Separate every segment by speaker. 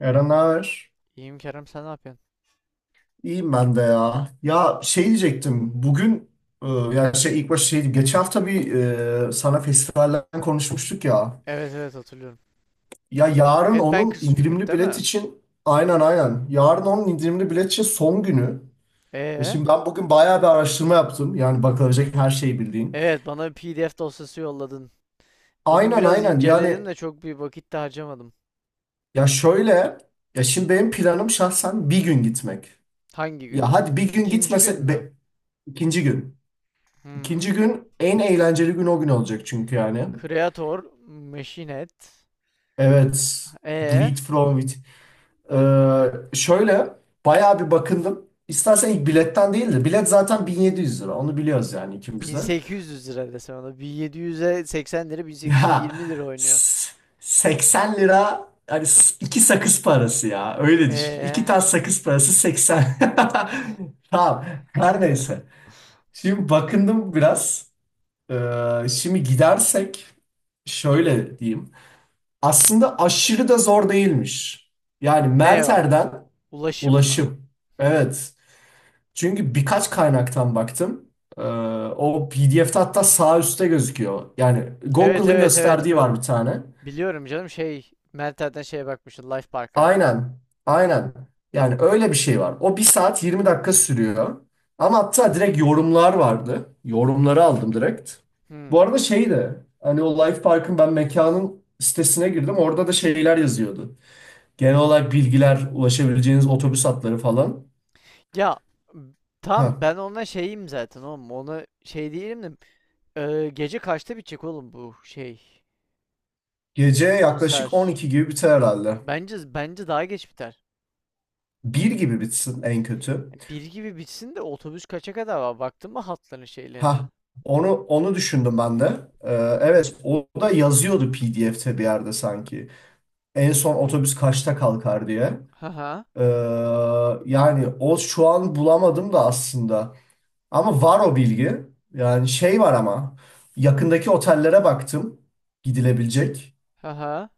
Speaker 1: Eren ağır.
Speaker 2: İyiyim Kerem, sen ne yapıyorsun?
Speaker 1: İyiyim ben de ya. Ya şey diyecektim. Bugün yani şey ilk başta şey geçen hafta bir sana festivallerden konuşmuştuk ya.
Speaker 2: Evet, evet, hatırlıyorum.
Speaker 1: Ya yarın onun
Speaker 2: Headbangers Weekend
Speaker 1: indirimli
Speaker 2: değil
Speaker 1: bilet
Speaker 2: mi?
Speaker 1: için aynen aynen. Yarın onun indirimli bilet için son günü. E
Speaker 2: Ee?
Speaker 1: şimdi ben bugün bayağı bir araştırma yaptım. Yani bakılacak her şeyi bildiğin.
Speaker 2: Evet, bana bir PDF dosyası yolladın. Bugün
Speaker 1: Aynen
Speaker 2: biraz
Speaker 1: aynen.
Speaker 2: inceledim
Speaker 1: Yani
Speaker 2: de çok bir vakit de harcamadım.
Speaker 1: ya şöyle ya şimdi benim planım şahsen bir gün gitmek.
Speaker 2: Hangi gün?
Speaker 1: Ya hadi bir gün
Speaker 2: İkinci gün
Speaker 1: gitmese
Speaker 2: mü?
Speaker 1: be, ikinci gün.
Speaker 2: Hmm.
Speaker 1: İkinci gün en eğlenceli gün o gün olacak çünkü yani.
Speaker 2: Creator, Machinet.
Speaker 1: Evet.
Speaker 2: Ee?
Speaker 1: Bleed from it. Ee, şöyle bayağı bir bakındım. İstersen ilk biletten değil de bilet zaten 1700 lira. Onu biliyoruz yani ikimiz de.
Speaker 2: 1800 lira desem ona. 1700'e 80 lira, 1800'e
Speaker 1: Ya
Speaker 2: 20 lira oynuyor.
Speaker 1: s- 80 lira hani iki sakız parası ya. Öyle düşün. İki
Speaker 2: Ee?
Speaker 1: tane sakız parası 80. Tamam. Her neyse. Şimdi bakındım biraz. Şimdi gidersek şöyle diyeyim. Aslında aşırı da zor değilmiş. Yani
Speaker 2: Ne o?
Speaker 1: Merter'den
Speaker 2: Ulaşım mı?
Speaker 1: ulaşım.
Speaker 2: Hmm.
Speaker 1: Evet. Çünkü birkaç kaynaktan baktım. Ee, o PDF'de hatta sağ üstte gözüküyor. Yani
Speaker 2: Evet,
Speaker 1: Google'ın
Speaker 2: evet, evet.
Speaker 1: gösterdiği var bir tane.
Speaker 2: Biliyorum canım, şey, Meltem'den şeye bakmıştım, Life Park'a.
Speaker 1: Aynen. Aynen. Yani öyle bir şey var. O bir saat 20 dakika sürüyor. Ama hatta direkt yorumlar vardı. Yorumları aldım direkt.
Speaker 2: Hı.
Speaker 1: Bu arada şey de, hani o Life Park'ın ben mekanın sitesine girdim. Orada da şeyler yazıyordu. Genel olarak bilgiler, ulaşabileceğiniz otobüs hatları falan.
Speaker 2: Ya, m- tamam,
Speaker 1: Ha.
Speaker 2: ben ona şeyim zaten, oğlum. Ona şey değilim de gece kaçta bitecek oğlum bu şey
Speaker 1: Gece yaklaşık
Speaker 2: konser?
Speaker 1: 12 gibi biter herhalde.
Speaker 2: Bence bence daha geç biter.
Speaker 1: Bir gibi bitsin en kötü.
Speaker 2: Yani bir gibi bitsin de otobüs kaça kadar var? Baktın mı hatların şeylerine?
Speaker 1: Ha. Onu düşündüm ben de. Ee,
Speaker 2: Hı.
Speaker 1: evet o da yazıyordu PDF'te bir yerde sanki. En son otobüs kaçta kalkar diye.
Speaker 2: Haha.
Speaker 1: Ee, yani o şu an bulamadım da aslında. Ama var o bilgi. Yani şey var ama yakındaki otellere baktım gidilebilecek.
Speaker 2: Haha.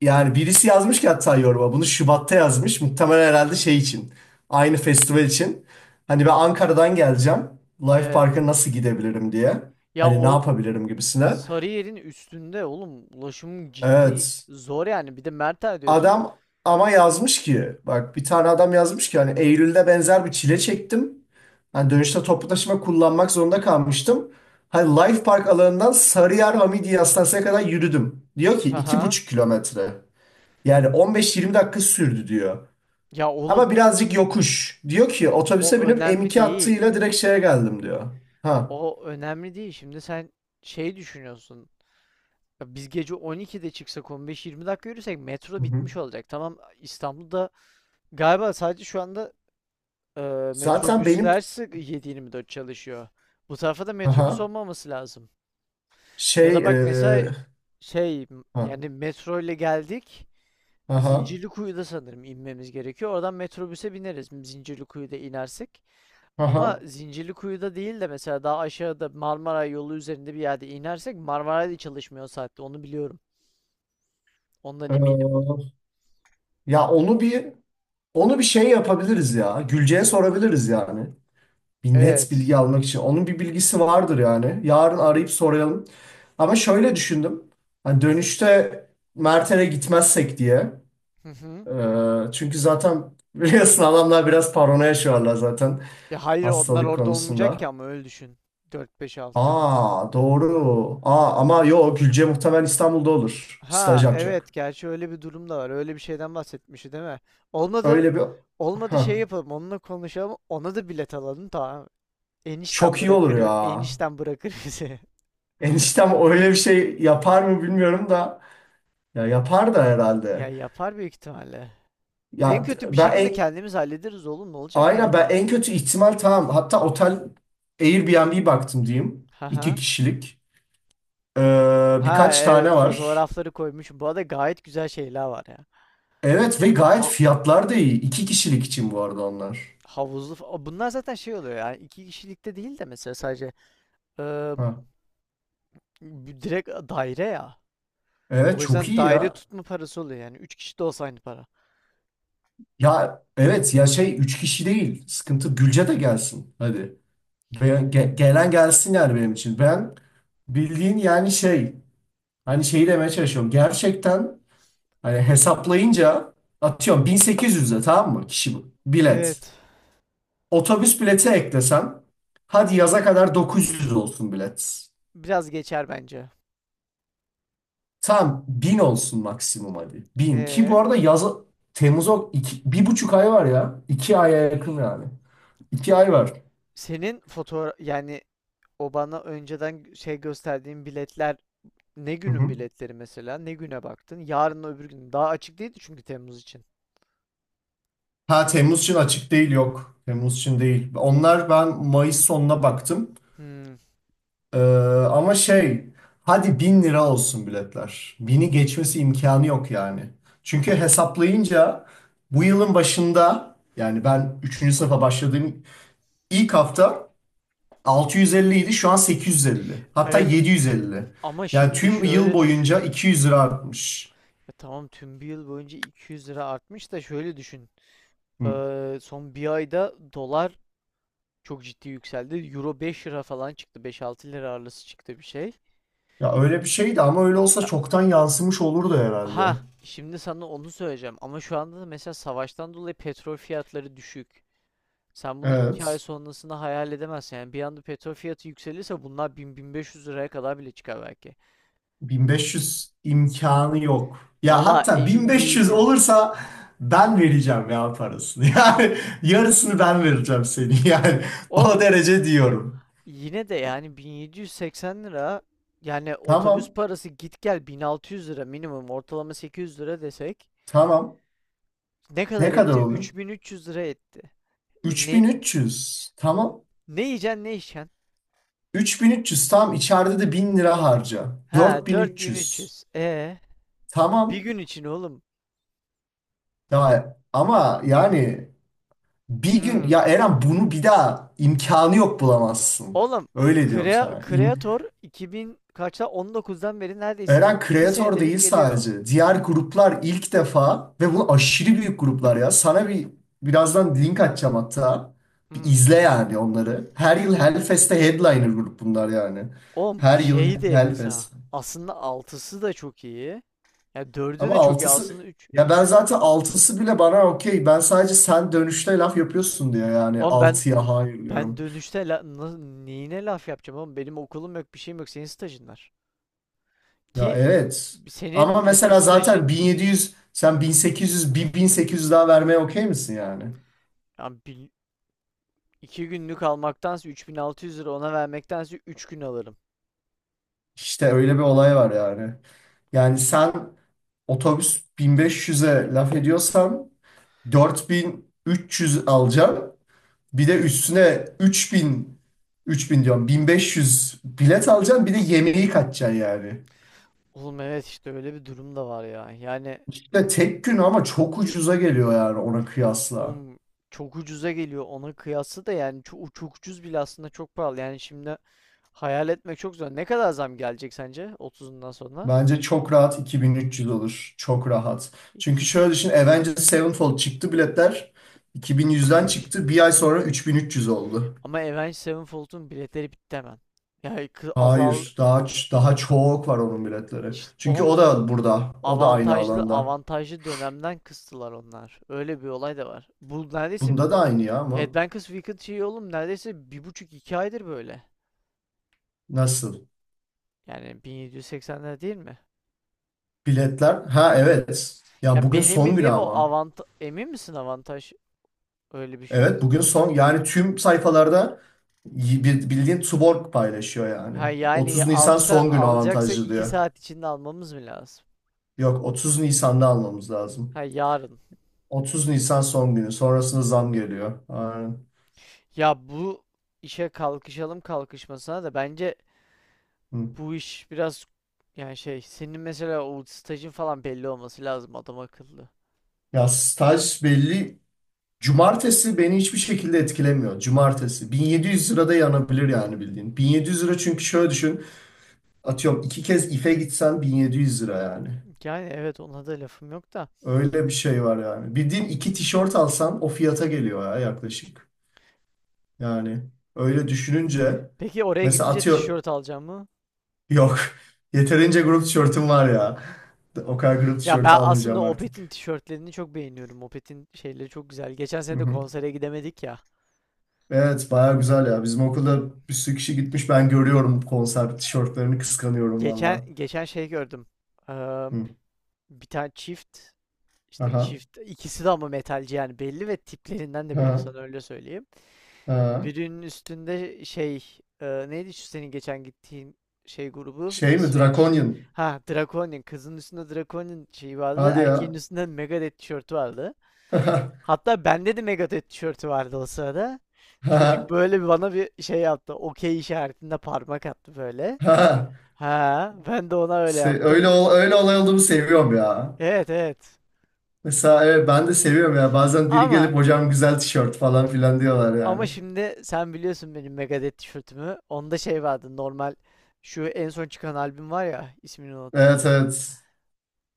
Speaker 1: Yani birisi yazmış ki hatta yoruma bunu Şubat'ta yazmış. Muhtemelen herhalde şey için. Aynı festival için. Hani ben Ankara'dan geleceğim. Life
Speaker 2: Evet.
Speaker 1: Park'a nasıl gidebilirim diye.
Speaker 2: Ya,
Speaker 1: Hani ne
Speaker 2: o
Speaker 1: yapabilirim gibisine.
Speaker 2: Sarıyer'in üstünde oğlum, ulaşım ciddi
Speaker 1: Evet.
Speaker 2: zor yani. Bir de Mertel diyorsun.
Speaker 1: Adam ama yazmış ki bak bir tane adam yazmış ki hani Eylül'de benzer bir çile çektim. Hani dönüşte toplu taşıma kullanmak zorunda kalmıştım. Hani Life Park alanından Sarıyer Hamidiye Hastanesi'ne kadar yürüdüm. Diyor ki iki
Speaker 2: Haha.
Speaker 1: buçuk kilometre. Yani 15-20 dakika sürdü diyor.
Speaker 2: Ya
Speaker 1: Ama
Speaker 2: oğlum,
Speaker 1: birazcık yokuş. Diyor ki otobüse
Speaker 2: o
Speaker 1: binip
Speaker 2: önemli
Speaker 1: M2
Speaker 2: değil.
Speaker 1: hattıyla direkt şeye geldim diyor. Ha.
Speaker 2: O önemli değil. Şimdi sen şey düşünüyorsun. Ya, biz gece 12'de çıksak, 15-20 dakika yürüsek,
Speaker 1: Hı
Speaker 2: metro
Speaker 1: hı.
Speaker 2: bitmiş olacak. Tamam, İstanbul'da galiba sadece şu anda e,
Speaker 1: Zaten benim
Speaker 2: metrobüsler 7-24 çalışıyor. Bu tarafa da metrobüs
Speaker 1: aha
Speaker 2: olmaması lazım. Ya
Speaker 1: şey
Speaker 2: da
Speaker 1: e,
Speaker 2: bak mesela, şey
Speaker 1: ha
Speaker 2: yani, metro ile geldik.
Speaker 1: aha
Speaker 2: Zincirlikuyu'da sanırım inmemiz gerekiyor. Oradan metrobüse bineriz. Zincirlikuyu'da inersek. Ama
Speaker 1: aha
Speaker 2: Zincirlikuyu'da değil de, mesela daha aşağıda Marmara yolu üzerinde bir yerde inersek, Marmara'da çalışmıyor o saatte. Onu biliyorum. Ondan
Speaker 1: e,
Speaker 2: eminim.
Speaker 1: ya onu bir şey yapabiliriz ya. Gülce'ye sorabiliriz yani. Bir net
Speaker 2: Evet.
Speaker 1: bilgi almak için. Onun bir bilgisi vardır yani. Yarın arayıp soralım. Ama şöyle düşündüm. Hani dönüşte Mert'e gitmezsek diye.
Speaker 2: Hı hı.
Speaker 1: Çünkü zaten biliyorsun adamlar biraz paranoya yaşıyorlar zaten
Speaker 2: Ya hayır, onlar
Speaker 1: hastalık
Speaker 2: orada olmayacak ki,
Speaker 1: konusunda.
Speaker 2: ama öyle düşün. 4-5-6 Temmuz'da.
Speaker 1: Aa doğru. Aa ama yo Gülce muhtemelen İstanbul'da olur. Staj
Speaker 2: Ha
Speaker 1: yapacak.
Speaker 2: evet, gerçi öyle bir durum da var. Öyle bir şeyden bahsetmişti değil mi? Olmadı.
Speaker 1: Öyle bir...
Speaker 2: Olmadı, şey
Speaker 1: Hah,
Speaker 2: yapalım, onunla konuşalım. Ona da bilet alalım, tamam. Enişten
Speaker 1: çok iyi olur
Speaker 2: bırakır,
Speaker 1: ya.
Speaker 2: enişten bırakır bizi.
Speaker 1: Eniştem öyle bir şey yapar mı bilmiyorum da. Ya yapar da
Speaker 2: Ya
Speaker 1: herhalde.
Speaker 2: yapar büyük ihtimalle. En
Speaker 1: Ya
Speaker 2: kötü bir
Speaker 1: ben
Speaker 2: şekilde
Speaker 1: en...
Speaker 2: kendimiz hallederiz oğlum, ne olacak
Speaker 1: Aynen ben
Speaker 2: yani?
Speaker 1: en kötü ihtimal tamam. Hatta otel Airbnb baktım diyeyim.
Speaker 2: Ha
Speaker 1: İki
Speaker 2: ha.
Speaker 1: kişilik.
Speaker 2: Ha
Speaker 1: Birkaç tane
Speaker 2: evet,
Speaker 1: var.
Speaker 2: fotoğrafları koymuş. Bu arada gayet güzel şeyler var ya.
Speaker 1: Evet ve gayet
Speaker 2: Ha,
Speaker 1: fiyatlar da iyi. İki kişilik için bu arada onlar.
Speaker 2: Havuzlu bunlar zaten şey oluyor yani, iki kişilikte değil de mesela sadece eee,
Speaker 1: Ha.
Speaker 2: bir direkt daire ya.
Speaker 1: Evet
Speaker 2: O
Speaker 1: çok
Speaker 2: yüzden
Speaker 1: iyi
Speaker 2: daire
Speaker 1: ya.
Speaker 2: tutma parası oluyor yani. Üç kişi de olsa aynı para.
Speaker 1: Ya evet ya şey üç kişi değil. Sıkıntı Gülce de gelsin. Hadi. Gelen gelsin yani benim için. Ben bildiğin yani şey hani şeyi demeye çalışıyorum. Gerçekten hani hesaplayınca atıyorum 1800'e tamam mı kişi bu. Bilet.
Speaker 2: Evet.
Speaker 1: Otobüs bileti eklesem hadi yaza kadar 900 olsun bilet.
Speaker 2: Biraz geçer bence.
Speaker 1: Tam bin olsun maksimum hadi. Bin. Ki bu
Speaker 2: Ee,
Speaker 1: arada yaz Temmuz'a iki, bir buçuk ay var ya. İki aya yakın yani. İki ay var.
Speaker 2: Senin fotoğraf yani, o bana önceden şey gösterdiğin biletler ne
Speaker 1: Hı
Speaker 2: günün
Speaker 1: hı.
Speaker 2: biletleri mesela? Ne güne baktın? Yarın öbür gün. Daha açık değildi çünkü Temmuz için.
Speaker 1: Ha Temmuz için açık değil yok. Temmuz için değil. Onlar ben Mayıs sonuna baktım.
Speaker 2: Hmm.
Speaker 1: Ee, ama şey hadi 1.000 lira olsun biletler. Bini geçmesi imkanı yok yani. Çünkü hesaplayınca bu yılın başında yani ben üçüncü sınıfa başladığım ilk hafta 650 idi şu an 850. Hatta
Speaker 2: Evet,
Speaker 1: 750.
Speaker 2: ama
Speaker 1: Yani
Speaker 2: şimdi
Speaker 1: tüm yıl
Speaker 2: şöyle
Speaker 1: boyunca
Speaker 2: düşün.
Speaker 1: 200 lira artmış.
Speaker 2: Ya tamam, tüm bir yıl boyunca 200 lira artmış da şöyle düşün.
Speaker 1: Hı.
Speaker 2: Son bir ayda dolar çok ciddi yükseldi. Euro 5 lira falan çıktı. 5-6 lira arası çıktı bir şey.
Speaker 1: Ya öyle bir şeydi ama öyle olsa
Speaker 2: Ya-
Speaker 1: çoktan yansımış olurdu herhalde.
Speaker 2: Ha, şimdi sana onu söyleyeceğim. Ama şu anda da mesela savaştan dolayı petrol fiyatları düşük. Sen bunu 2 ay
Speaker 1: Evet.
Speaker 2: sonrasını hayal edemezsin. Yani bir anda petrol fiyatı yükselirse bunlar bin, bin beş yüz liraya kadar bile çıkar belki.
Speaker 1: 1500 imkanı yok. Ya
Speaker 2: Valla
Speaker 1: hatta
Speaker 2: emin
Speaker 1: 1500
Speaker 2: değilim.
Speaker 1: olursa ben vereceğim ya parasını. Yani yarısını ben vereceğim seni. Yani o
Speaker 2: Oğlum
Speaker 1: derece diyorum.
Speaker 2: yine de yani, 1780 lira, yani otobüs
Speaker 1: Tamam.
Speaker 2: parası git gel 1600 lira minimum, ortalama 800 lira desek,
Speaker 1: Tamam.
Speaker 2: ne
Speaker 1: Ne
Speaker 2: kadar
Speaker 1: kadar
Speaker 2: etti?
Speaker 1: oluyor?
Speaker 2: 3300 lira etti. E, ne
Speaker 1: 3300. Tamam.
Speaker 2: ne yiyeceksin ne içeceksin?
Speaker 1: 3300 tam içeride de 1.000 lira harca.
Speaker 2: Ha,
Speaker 1: 4300.
Speaker 2: 4300. E, bir
Speaker 1: Tamam.
Speaker 2: gün için oğlum.
Speaker 1: Ya, ama yani bir gün
Speaker 2: Hmm.
Speaker 1: ya Eren bunu bir daha imkanı yok bulamazsın.
Speaker 2: Oğlum,
Speaker 1: Öyle diyorum sana. İm
Speaker 2: Creator 2000 kaçta, 19'dan beri neredeyse
Speaker 1: Eren
Speaker 2: 2
Speaker 1: kreatör
Speaker 2: senede bir
Speaker 1: değil
Speaker 2: geliyor.
Speaker 1: sadece. Diğer gruplar ilk defa ve bu aşırı büyük gruplar ya. Sana birazdan link atacağım hatta. Bir
Speaker 2: Hmm.
Speaker 1: izle yani onları. Her yıl Hellfest'te headliner grup bunlar yani.
Speaker 2: Oğlum
Speaker 1: Her yıl
Speaker 2: şey de, mesela
Speaker 1: Hellfest.
Speaker 2: aslında altısı da çok iyi. Ya dördü
Speaker 1: Ama
Speaker 2: de çok iyi
Speaker 1: altısı
Speaker 2: aslında, 3
Speaker 1: ya ben
Speaker 2: 3.
Speaker 1: zaten altısı bile bana okey. Ben sadece sen dönüşte laf yapıyorsun diye yani
Speaker 2: Oğlum ben
Speaker 1: altıya hayır
Speaker 2: ben
Speaker 1: diyorum.
Speaker 2: dönüşte neyine laf yapacağım oğlum, benim okulum yok bir şeyim yok, senin stajın var.
Speaker 1: Ya
Speaker 2: Ki
Speaker 1: evet.
Speaker 2: senin
Speaker 1: Ama
Speaker 2: mesela
Speaker 1: mesela zaten
Speaker 2: stajın,
Speaker 1: 1700 sen 1800 bir 1800 daha vermeye okey misin yani?
Speaker 2: yani iki günlük almaktansa 3600 lira ona vermektense 3 gün alırım.
Speaker 1: İşte öyle bir olay var yani. Yani sen otobüs 1500'e laf ediyorsan 4300 alacaksın. Bir de üstüne 3000 3000 diyorum 1500 bilet alacaksın bir de yemeği kaçacaksın yani.
Speaker 2: Oğlum evet, işte öyle bir durum da var ya. Yani
Speaker 1: İşte tek gün ama çok ucuza geliyor yani ona kıyasla.
Speaker 2: oğlum çok ucuza geliyor ona kıyasla da, yani çok, çok ucuz bile aslında çok pahalı. Yani şimdi hayal etmek çok zor. Ne kadar zam gelecek sence otuzundan sonra?
Speaker 1: Bence çok rahat 2300 olur. Çok rahat. Çünkü
Speaker 2: İki.
Speaker 1: şöyle düşün Avengers Sevenfold çıktı biletler. 2100'den çıktı. Bir ay sonra 3300 oldu.
Speaker 2: Ama Avenged Sevenfold'un biletleri bitti hemen. Yani azal,
Speaker 1: Hayır, daha çok var onun biletleri.
Speaker 2: işte
Speaker 1: Çünkü
Speaker 2: oğlum
Speaker 1: o da burada. O da aynı
Speaker 2: avantajlı
Speaker 1: alanda.
Speaker 2: avantajlı dönemden kıstılar onlar. Öyle bir olay da var. Bu neredeyse
Speaker 1: Bunda da aynı ya ama
Speaker 2: Headbangers Weekend şeyi oğlum, neredeyse bir buçuk iki aydır böyle.
Speaker 1: nasıl?
Speaker 2: Yani 1780'ler değil mi?
Speaker 1: Biletler. Ha evet. Ya
Speaker 2: Ya
Speaker 1: bugün
Speaker 2: benim
Speaker 1: son günü
Speaker 2: bildiğim o
Speaker 1: ama.
Speaker 2: avantaj, emin misin avantaj öyle bir şey
Speaker 1: Evet bugün
Speaker 2: olduğuna?
Speaker 1: son yani tüm sayfalarda bildiğin Tuborg paylaşıyor yani.
Speaker 2: Ha, yani
Speaker 1: 30 Nisan
Speaker 2: alsa
Speaker 1: son günü
Speaker 2: alacaksa
Speaker 1: avantajlı
Speaker 2: iki
Speaker 1: diyor.
Speaker 2: saat içinde almamız mı lazım?
Speaker 1: Yok 30 Nisan'da almamız lazım.
Speaker 2: Ha yarın.
Speaker 1: 30 Nisan son günü sonrasında zam geliyor. Aynen.
Speaker 2: Ya bu işe kalkışalım kalkışmasına da bence
Speaker 1: Hı.
Speaker 2: bu iş biraz, yani şey, senin mesela o stajın falan belli olması lazım adam akıllı.
Speaker 1: Ya staj belli. Cumartesi beni hiçbir şekilde etkilemiyor. Cumartesi 1700 lirada yanabilir yani bildiğin. 1.700 lira çünkü şöyle düşün. Atıyorum iki kez ife gitsen 1.700 lira yani.
Speaker 2: Yani evet, ona da lafım yok da.
Speaker 1: Öyle bir şey var yani. Bildiğin iki tişört alsan o fiyata geliyor ya yaklaşık. Yani öyle düşününce
Speaker 2: Peki oraya
Speaker 1: mesela
Speaker 2: gidince
Speaker 1: atıyor
Speaker 2: tişört alacağım mı?
Speaker 1: yok. Yeterince grup tişörtüm var ya. O kadar grup
Speaker 2: Ya
Speaker 1: tişörtü
Speaker 2: ben
Speaker 1: almayacağım
Speaker 2: aslında
Speaker 1: artık.
Speaker 2: Opet'in tişörtlerini çok beğeniyorum. Opet'in şeyleri çok güzel. Geçen
Speaker 1: Hı
Speaker 2: sene de
Speaker 1: hı.
Speaker 2: konsere gidemedik ya.
Speaker 1: Evet baya güzel ya. Bizim okulda bir sürü kişi gitmiş. Ben görüyorum konser tişörtlerini kıskanıyorum
Speaker 2: Geçen
Speaker 1: valla.
Speaker 2: geçen şey gördüm. Ee,
Speaker 1: Hı.
Speaker 2: Bir tane çift işte,
Speaker 1: Aha.
Speaker 2: çift, ikisi de ama metalci yani belli, ve tiplerinden de belli,
Speaker 1: Ha.
Speaker 2: sana öyle söyleyeyim.
Speaker 1: Ha.
Speaker 2: Birinin üstünde şey, neydi şu senin geçen gittiğin şey grubu,
Speaker 1: Şey mi?
Speaker 2: İsveç.
Speaker 1: Draconian.
Speaker 2: Ha Draconian, kızın üstünde Draconian şeyi vardı,
Speaker 1: Hadi
Speaker 2: erkeğin
Speaker 1: ya.
Speaker 2: üstünde Megadeth tişörtü vardı.
Speaker 1: Ha.
Speaker 2: Hatta bende de Megadeth tişörtü vardı o sırada. Çocuk
Speaker 1: Ha.
Speaker 2: böyle bir bana bir şey yaptı. Okey işaretinde parmak attı böyle.
Speaker 1: Ha.
Speaker 2: Ha, ben de ona öyle yaptım.
Speaker 1: Öyle olay olduğunu seviyorum ya.
Speaker 2: Evet, evet.
Speaker 1: Mesela evet ben de seviyorum ya. Bazen biri
Speaker 2: Ama
Speaker 1: gelip hocam güzel tişört falan filan diyorlar
Speaker 2: ama
Speaker 1: yani.
Speaker 2: şimdi sen biliyorsun benim Megadeth tişörtümü. Onda şey vardı normal, şu en son çıkan albüm var ya, ismini unuttum.
Speaker 1: Evet evet.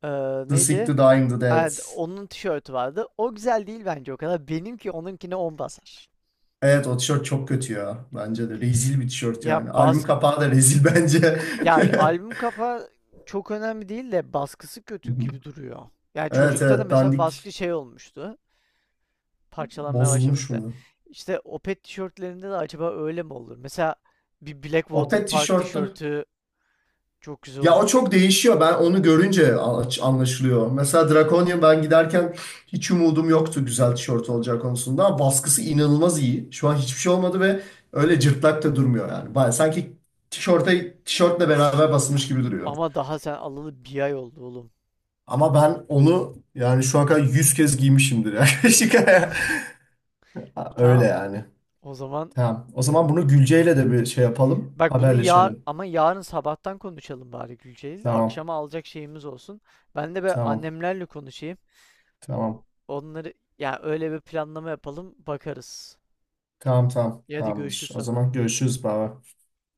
Speaker 2: Ee,
Speaker 1: The Sick, The
Speaker 2: Neydi?
Speaker 1: Dying, The Dead.
Speaker 2: Evet, onun tişörtü vardı. O güzel değil bence o kadar. Benimki onunkine on basar.
Speaker 1: Evet o tişört çok kötü ya. Bence de. Rezil bir tişört
Speaker 2: Ya
Speaker 1: yani. Albüm
Speaker 2: bas
Speaker 1: kapağı da rezil bence.
Speaker 2: Yani albüm kapağı çok önemli değil de baskısı kötü gibi duruyor. Yani
Speaker 1: Evet
Speaker 2: çocukta da
Speaker 1: evet
Speaker 2: mesela baskı
Speaker 1: dandik.
Speaker 2: şey olmuştu. Parçalanmaya
Speaker 1: Bozulmuş
Speaker 2: başlamıştı.
Speaker 1: mu?
Speaker 2: İşte Opet tişörtlerinde de acaba öyle mi olur? Mesela bir
Speaker 1: O
Speaker 2: Blackwater
Speaker 1: pet
Speaker 2: Park
Speaker 1: tişörtlü.
Speaker 2: tişörtü çok güzel
Speaker 1: Ya o
Speaker 2: olur.
Speaker 1: çok değişiyor. Ben onu görünce anlaşılıyor. Mesela Draconian ben giderken hiç umudum yoktu güzel tişört olacağı konusunda. Ama baskısı inanılmaz iyi. Şu an hiçbir şey olmadı ve öyle cırtlak da durmuyor yani. Baya sanki tişörte, tişörtle beraber basılmış gibi duruyor.
Speaker 2: Ama daha sen alalı bir ay oldu oğlum.
Speaker 1: Ama ben onu yani şu ana kadar 100 kez giymişimdir yaklaşık. Öyle
Speaker 2: Tamam.
Speaker 1: yani.
Speaker 2: O zaman
Speaker 1: Tamam. O zaman
Speaker 2: bilmiyorum.
Speaker 1: bunu Gülce'yle de bir şey yapalım.
Speaker 2: Bak bunu
Speaker 1: Haberleşelim.
Speaker 2: ama yarın sabahtan konuşalım bari, Gülceğiz.
Speaker 1: Tamam.
Speaker 2: Akşama alacak şeyimiz olsun. Ben de be
Speaker 1: Tamam.
Speaker 2: annemlerle konuşayım.
Speaker 1: Tamam.
Speaker 2: Onları, ya öyle bir planlama yapalım, bakarız.
Speaker 1: Tamam. Tamam.
Speaker 2: Ya hadi
Speaker 1: Tamamdır.
Speaker 2: görüşürüz
Speaker 1: O
Speaker 2: sonra.
Speaker 1: zaman görüşürüz baba.